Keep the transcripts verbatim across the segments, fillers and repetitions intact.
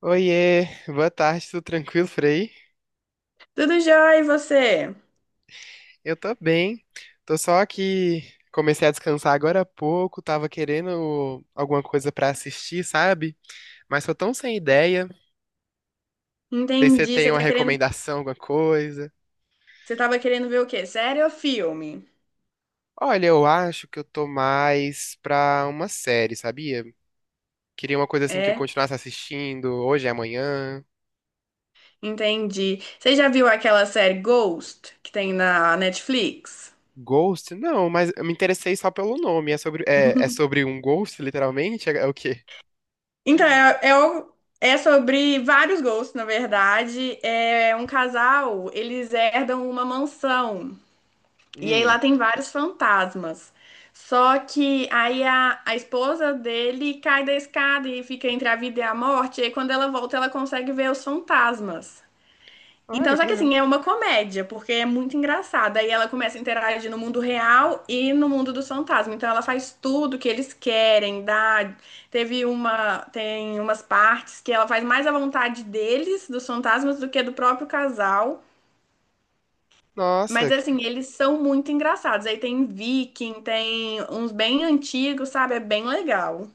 Oiê, boa tarde, tudo tranquilo, Frei? Tudo jóia, e você? Eu tô bem, tô só que comecei a descansar agora há pouco, tava querendo alguma coisa pra assistir, sabe? Mas tô tão sem ideia. Não sei se você Entendi. tem Você uma tá querendo, recomendação, alguma coisa. você tava querendo ver o quê? Série ou filme? Olha, eu acho que eu tô mais pra uma série, sabia? Queria uma coisa assim que eu É, continuasse assistindo hoje e amanhã. entendi. Você já viu aquela série Ghost que tem na Netflix? Ghost? Não, mas eu me interessei só pelo nome. É sobre, é, é sobre um ghost, literalmente? É, é o quê? Então, é, é, o- é sobre vários gostos, na verdade. É um casal, eles herdam uma mansão. E aí lá Hum, tem vários fantasmas. Só que aí a, a esposa dele cai da escada e fica entre a vida e a morte. E aí quando ela volta, ela consegue ver os fantasmas. olha Então, só que que legal. assim, é uma comédia, porque é muito engraçada. Aí ela começa a interagir no mundo real e no mundo dos fantasmas. Então ela faz tudo que eles querem, dá. Teve uma, tem umas partes que ela faz mais à vontade deles, dos fantasmas, do que do próprio casal. Mas Nossa, que assim, eles são muito engraçados. Aí tem Viking, tem uns bem antigos, sabe? É bem legal.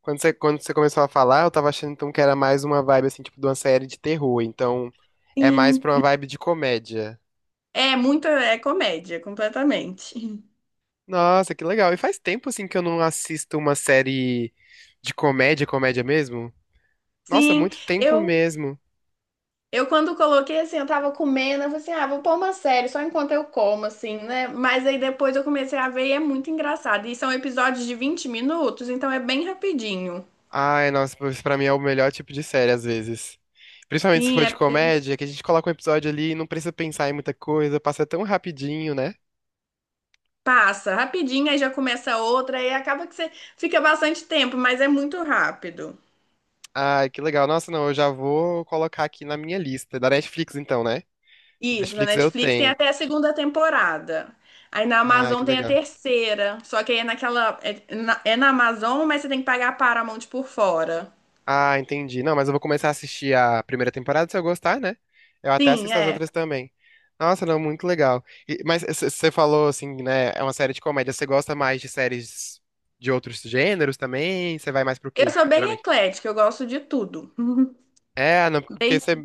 Quando você, quando você começou a falar, eu tava achando então que era mais uma vibe assim, tipo, de uma série de terror. Então, é mais Sim. pra uma vibe de comédia. É muito, é comédia, completamente. Nossa, que legal. E faz tempo assim que eu não assisto uma série de comédia, comédia mesmo? Nossa, Sim, muito tempo eu mesmo. eu quando coloquei assim, eu tava comendo, eu falei assim, ah, vou pôr uma série só enquanto eu como, assim, né? Mas aí depois eu comecei a ver e é muito engraçado. E são episódios de vinte minutos, então é bem rapidinho. Ai, nossa, pois pra mim é o melhor tipo de série às vezes. Principalmente se Sim, for de é, comédia, que a gente coloca um episódio ali e não precisa pensar em muita coisa, passa tão rapidinho, né? passa rapidinho, aí já começa outra, aí acaba que você fica bastante tempo, mas é muito rápido. Ai, que legal. Nossa, não, eu já vou colocar aqui na minha lista. Da Netflix então, né? Isso, na Netflix eu Netflix tem tenho. até a segunda temporada. Aí na Ah, Amazon que tem a legal. terceira. Só que aí é naquela. É na, é na Amazon, mas você tem que pagar a Paramount por fora. Ah, entendi. Não, mas eu vou começar a assistir a primeira temporada se eu gostar, né? Eu até Sim, assisto as é. outras também. Nossa, não, muito legal. E- mas você falou assim, né? É uma série de comédia. Você gosta mais de séries de outros gêneros também? Você vai mais pro Eu quê, sou bem geralmente? eclética, eu gosto de tudo. É, não, porque você Desde.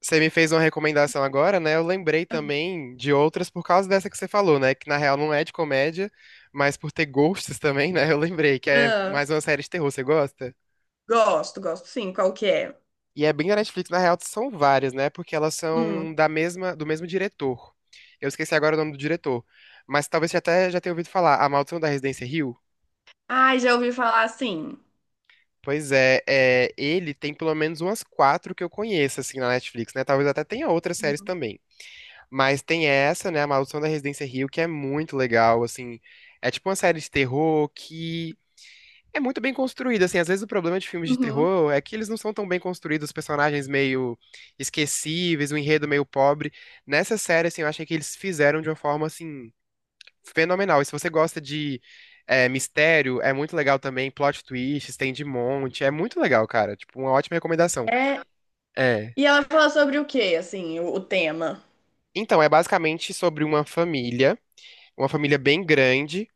você me fez uma recomendação agora, né? Eu lembrei também de outras por causa dessa que você falou, né? Que na real não é de comédia, mas por ter gostos também, né? Eu lembrei que é Ah, mais uma série de terror. Você gosta? gosto, gosto sim, qual que é? E é bem da Netflix, na real, são várias, né? Porque elas Hum. são da mesma, do mesmo diretor. Eu esqueci agora o nome do diretor, mas talvez você até já tenha ouvido falar, A Maldição da Residência Hill. Ai, já ouvi falar assim. Pois é, é, ele tem pelo menos umas quatro que eu conheço, assim, na Netflix, né? Talvez até tenha outras séries Uhum. também. Mas tem essa, né, A Maldição da Residência Hill, que é muito legal, assim. É tipo uma série de terror que é muito bem construído, assim, às vezes o problema de filmes de Uhum. terror é que eles não são tão bem construídos, os personagens meio esquecíveis, o enredo meio pobre. Nessa série, assim, eu achei que eles fizeram de uma forma, assim, fenomenal. E se você gosta de é, mistério, é muito legal também, plot twists, tem de monte, é muito legal, cara, tipo, uma ótima recomendação. É. É. E ela fala sobre o quê, assim, o, o tema? Então, é basicamente sobre uma família, uma família bem grande,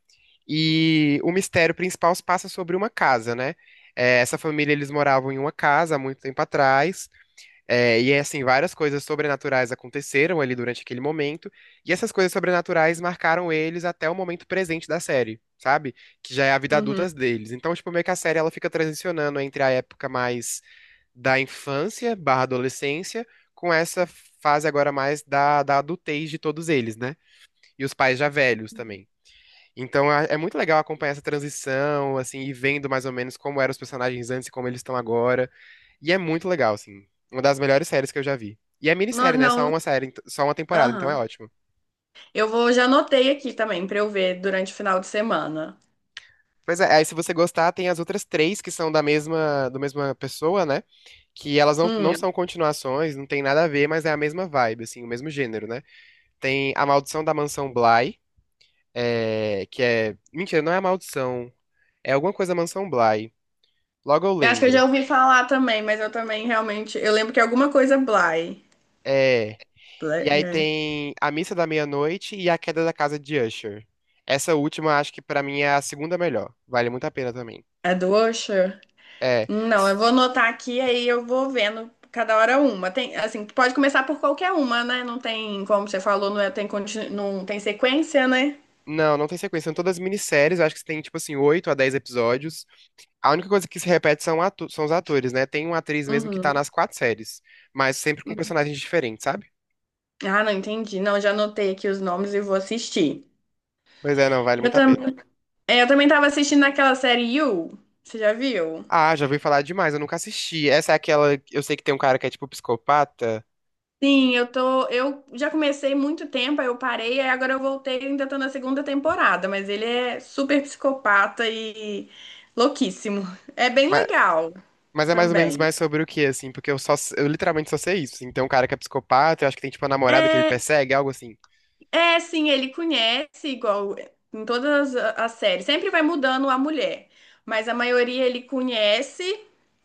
e o mistério principal se passa sobre uma casa, né? É, essa família, eles moravam em uma casa há muito tempo atrás, é, e assim, várias coisas sobrenaturais aconteceram ali durante aquele momento, e essas coisas sobrenaturais marcaram eles até o momento presente da série, sabe? Que já é a vida Uhum. adulta deles. Então, tipo, meio que a série ela fica transicionando entre a época mais da infância barra adolescência, com essa fase agora mais da, da adultez de todos eles, né? E os pais já velhos também. Então a- é muito legal acompanhar essa transição, assim, e vendo mais ou menos como eram os personagens antes e como eles estão agora. E é muito legal, assim. Uma das melhores séries que eu já vi. E é Não, minissérie, né? Só não. uma série, ent- só uma temporada, então é Aham. ótimo. Eu vou, já anotei aqui também pra eu ver durante o final de semana. Pois é, aí se você gostar, tem as outras três que são da mesma, do mesma pessoa, né? Que elas não, não Hum, são continuações, não tem nada a ver, mas é a mesma vibe, assim, o mesmo gênero, né? Tem A Maldição da Mansão Bly, é, que é... Mentira, não é A Maldição. É alguma coisa da Mansão Bly. Logo eu eu acho que eu já lembro. ouvi falar também, mas eu também realmente. Eu lembro que é alguma coisa Bly. É... E aí Bly- tem A Missa da Meia-Noite e A Queda da Casa de Usher. Essa última, acho que pra mim é a segunda melhor. Vale muito a pena também. É, é do Usher? É. Não, eu s- vou anotar aqui, aí eu vou vendo cada hora uma. Tem, assim, pode começar por qualquer uma, né? Não tem, como você falou, não é- tem, conti- não tem sequência, né? Não, não tem sequência. São todas minisséries. Eu Acho que tem, tipo assim, oito a dez episódios. A única coisa que se repete são, atu- são os atores, né? Tem uma atriz mesmo que tá Uhum. nas quatro séries, mas sempre com personagens diferentes, sabe? Ah, não entendi. Não, já anotei aqui os nomes e vou assistir. Pois é, não, vale Eu muito a pena. também, eu também tava assistindo aquela série You. Você já viu? Ah, já ouvi falar demais, eu nunca assisti. Essa é aquela. Eu sei que tem um cara que é tipo psicopata. Sim, eu tô. Eu já comecei muito tempo, aí eu parei, aí agora eu voltei, e ainda tô na segunda temporada, mas ele é super psicopata e louquíssimo. É bem legal Mas é mais ou menos também. mais sobre o que, assim? Porque eu só, eu literalmente só sei isso. Então, um cara que é psicopata, eu acho que tem, tipo, uma namorada que ele persegue, algo assim. É, sim, ele conhece igual em todas a- as séries. Sempre vai mudando a mulher, mas a maioria ele conhece.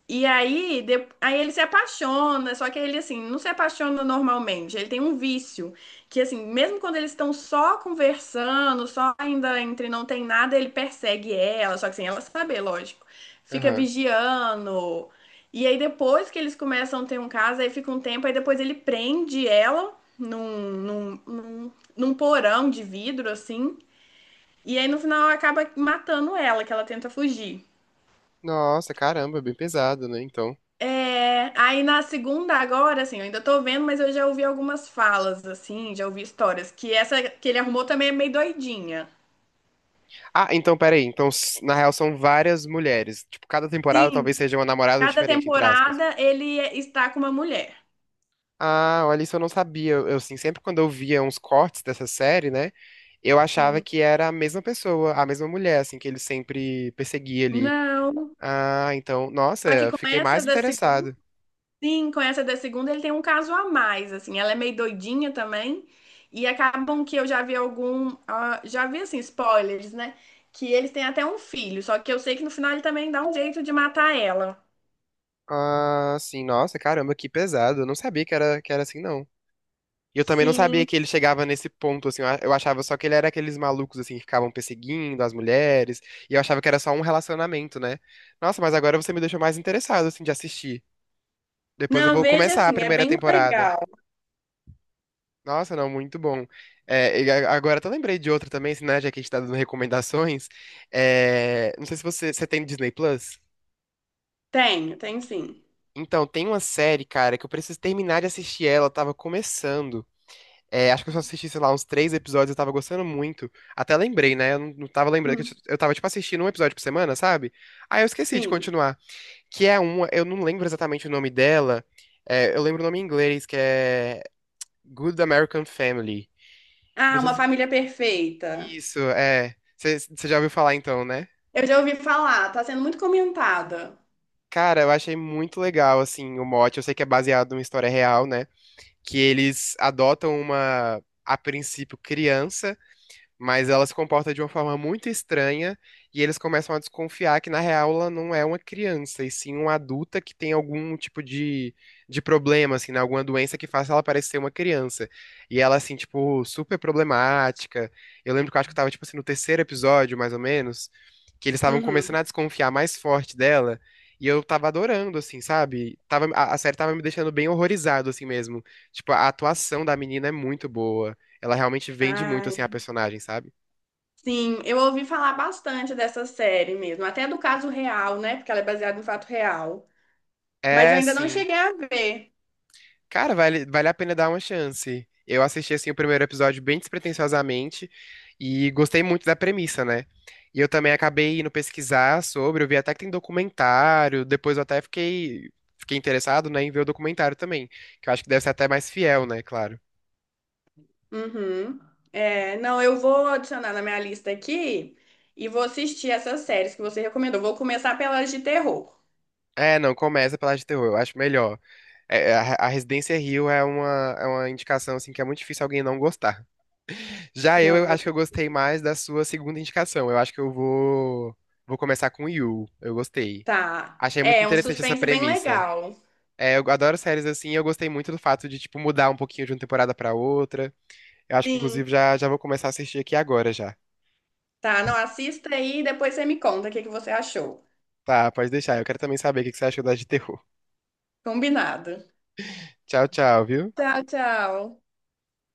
E aí, de- aí ele se apaixona, só que ele assim, não se apaixona normalmente. Ele tem um vício que assim, mesmo quando eles estão só conversando, só ainda entre não tem nada, ele persegue ela, só que sem ela saber, lógico. Fica Aham. vigiando. E aí depois que eles começam a ter um caso, aí fica um tempo, aí depois ele prende ela num, num, num num porão de vidro, assim. E aí no final acaba matando ela, que ela tenta fugir. Nossa, caramba, bem pesado, né? Então. É, aí na segunda agora, assim, eu ainda tô vendo, mas eu já ouvi algumas falas, assim, já ouvi histórias, que essa que ele arrumou também é meio doidinha. Ah, então, peraí. Então, s- na real, são várias mulheres. Tipo, cada temporada talvez Sim, seja uma namorada cada diferente, entre aspas. temporada ele está com uma mulher. Ah, olha, isso eu não sabia. Eu, eu, assim, sempre quando eu via uns cortes dessa série, né? Eu achava Hum. que era a mesma pessoa, a mesma mulher, assim, que ele sempre perseguia ali. Não, Ah, então, nossa, só que eu com fiquei essa mais da interessado. Sim, com essa da segunda ele tem um caso a mais, assim, ela é meio doidinha também, e acabam que eu já vi algum, ah, já vi, assim, spoilers, né, que eles têm até um filho, só que eu sei que no final ele também dá um jeito de matar ela. Ah, sim, nossa, caramba, que pesado. Eu não sabia que era, que era assim, não. E eu também não sabia Sim. que ele chegava nesse ponto, assim. Eu a- eu achava só que ele era aqueles malucos, assim, que ficavam perseguindo as mulheres. E eu achava que era só um relacionamento, né? Nossa, mas agora você me deixou mais interessado, assim, de assistir. Depois eu Não, vou veja começar a assim, é primeira bem temporada. legal. Nossa, não, muito bom. É, e a- agora eu até lembrei de outra também, assim, né? Já que a gente tá dando recomendações. É, não sei se você, você tem Disney Plus. Tenho, tenho sim. Então, tem uma série, cara, que eu preciso terminar de assistir ela, eu tava começando. É, acho que eu só assisti, sei lá, uns três episódios, eu tava gostando muito. Até lembrei, né? Eu não não tava lembrando que eu, t- Hum, eu tava, tipo, assistindo um episódio por semana, sabe? Aí eu esqueci de sim. continuar. Que é uma, eu não lembro exatamente o nome dela. É, eu lembro o nome em inglês, que é Good American Family. Que eu não Ah, sei Uma se... Família Perfeita. Isso, é. Você já ouviu falar então, né? Eu já ouvi falar, tá sendo muito comentada. Cara, eu achei muito legal, assim, o mote. Eu sei que é baseado numa história real, né? Que eles adotam uma, a princípio, criança. Mas ela se comporta de uma forma muito estranha e eles começam a desconfiar que, na real, ela não é uma criança, e sim uma adulta que tem algum tipo de, de problema, assim, né? Alguma doença que faça ela parecer uma criança. E ela, assim, tipo, super problemática. Eu lembro que eu acho que eu tava, tipo assim, no terceiro episódio, mais ou menos, que eles estavam Uhum. começando a desconfiar mais forte dela. E eu tava adorando, assim, sabe? Tava, a, a série tava me deixando bem horrorizado, assim mesmo. Tipo, a atuação da menina é muito boa. Ela realmente vende muito, Ah, assim, a personagem, sabe? sim, eu ouvi falar bastante dessa série mesmo, até do caso real, né? Porque ela é baseada em fato real. Mas eu É, ainda não sim. cheguei a ver. Cara, vale, vale a pena dar uma chance. Eu assisti, assim, o primeiro episódio bem despretensiosamente e gostei muito da premissa, né? E eu também acabei indo pesquisar sobre, eu vi até que tem documentário, depois eu até fiquei, fiquei interessado, né, em ver o documentário também, que eu acho que deve ser até mais fiel, né, claro. Uhum. É, não, eu vou adicionar na minha lista aqui e vou assistir essas séries que você recomendou. Vou começar pelas de terror. É, não, começa pela de terror, eu acho melhor. É, é, a, a Residência Hill é uma, é uma indicação, assim, que é muito difícil alguém não gostar. Já eu, Não, eu vou... acho que eu gostei mais da sua segunda indicação. Eu acho que eu vou, vou começar com You. Eu gostei. tá. Achei muito É um interessante essa suspense bem premissa. legal. É, eu adoro séries assim, e eu gostei muito do fato de, tipo, mudar um pouquinho de uma temporada pra outra. Eu acho que, inclusive, Sim, já, já vou começar a assistir aqui agora já. tá. Não, assista aí e depois você me conta o que que você achou. Tá, pode deixar. Eu quero também saber o que que você achou das de terror. Combinado. Tchau, tchau, viu? Tchau, tchau.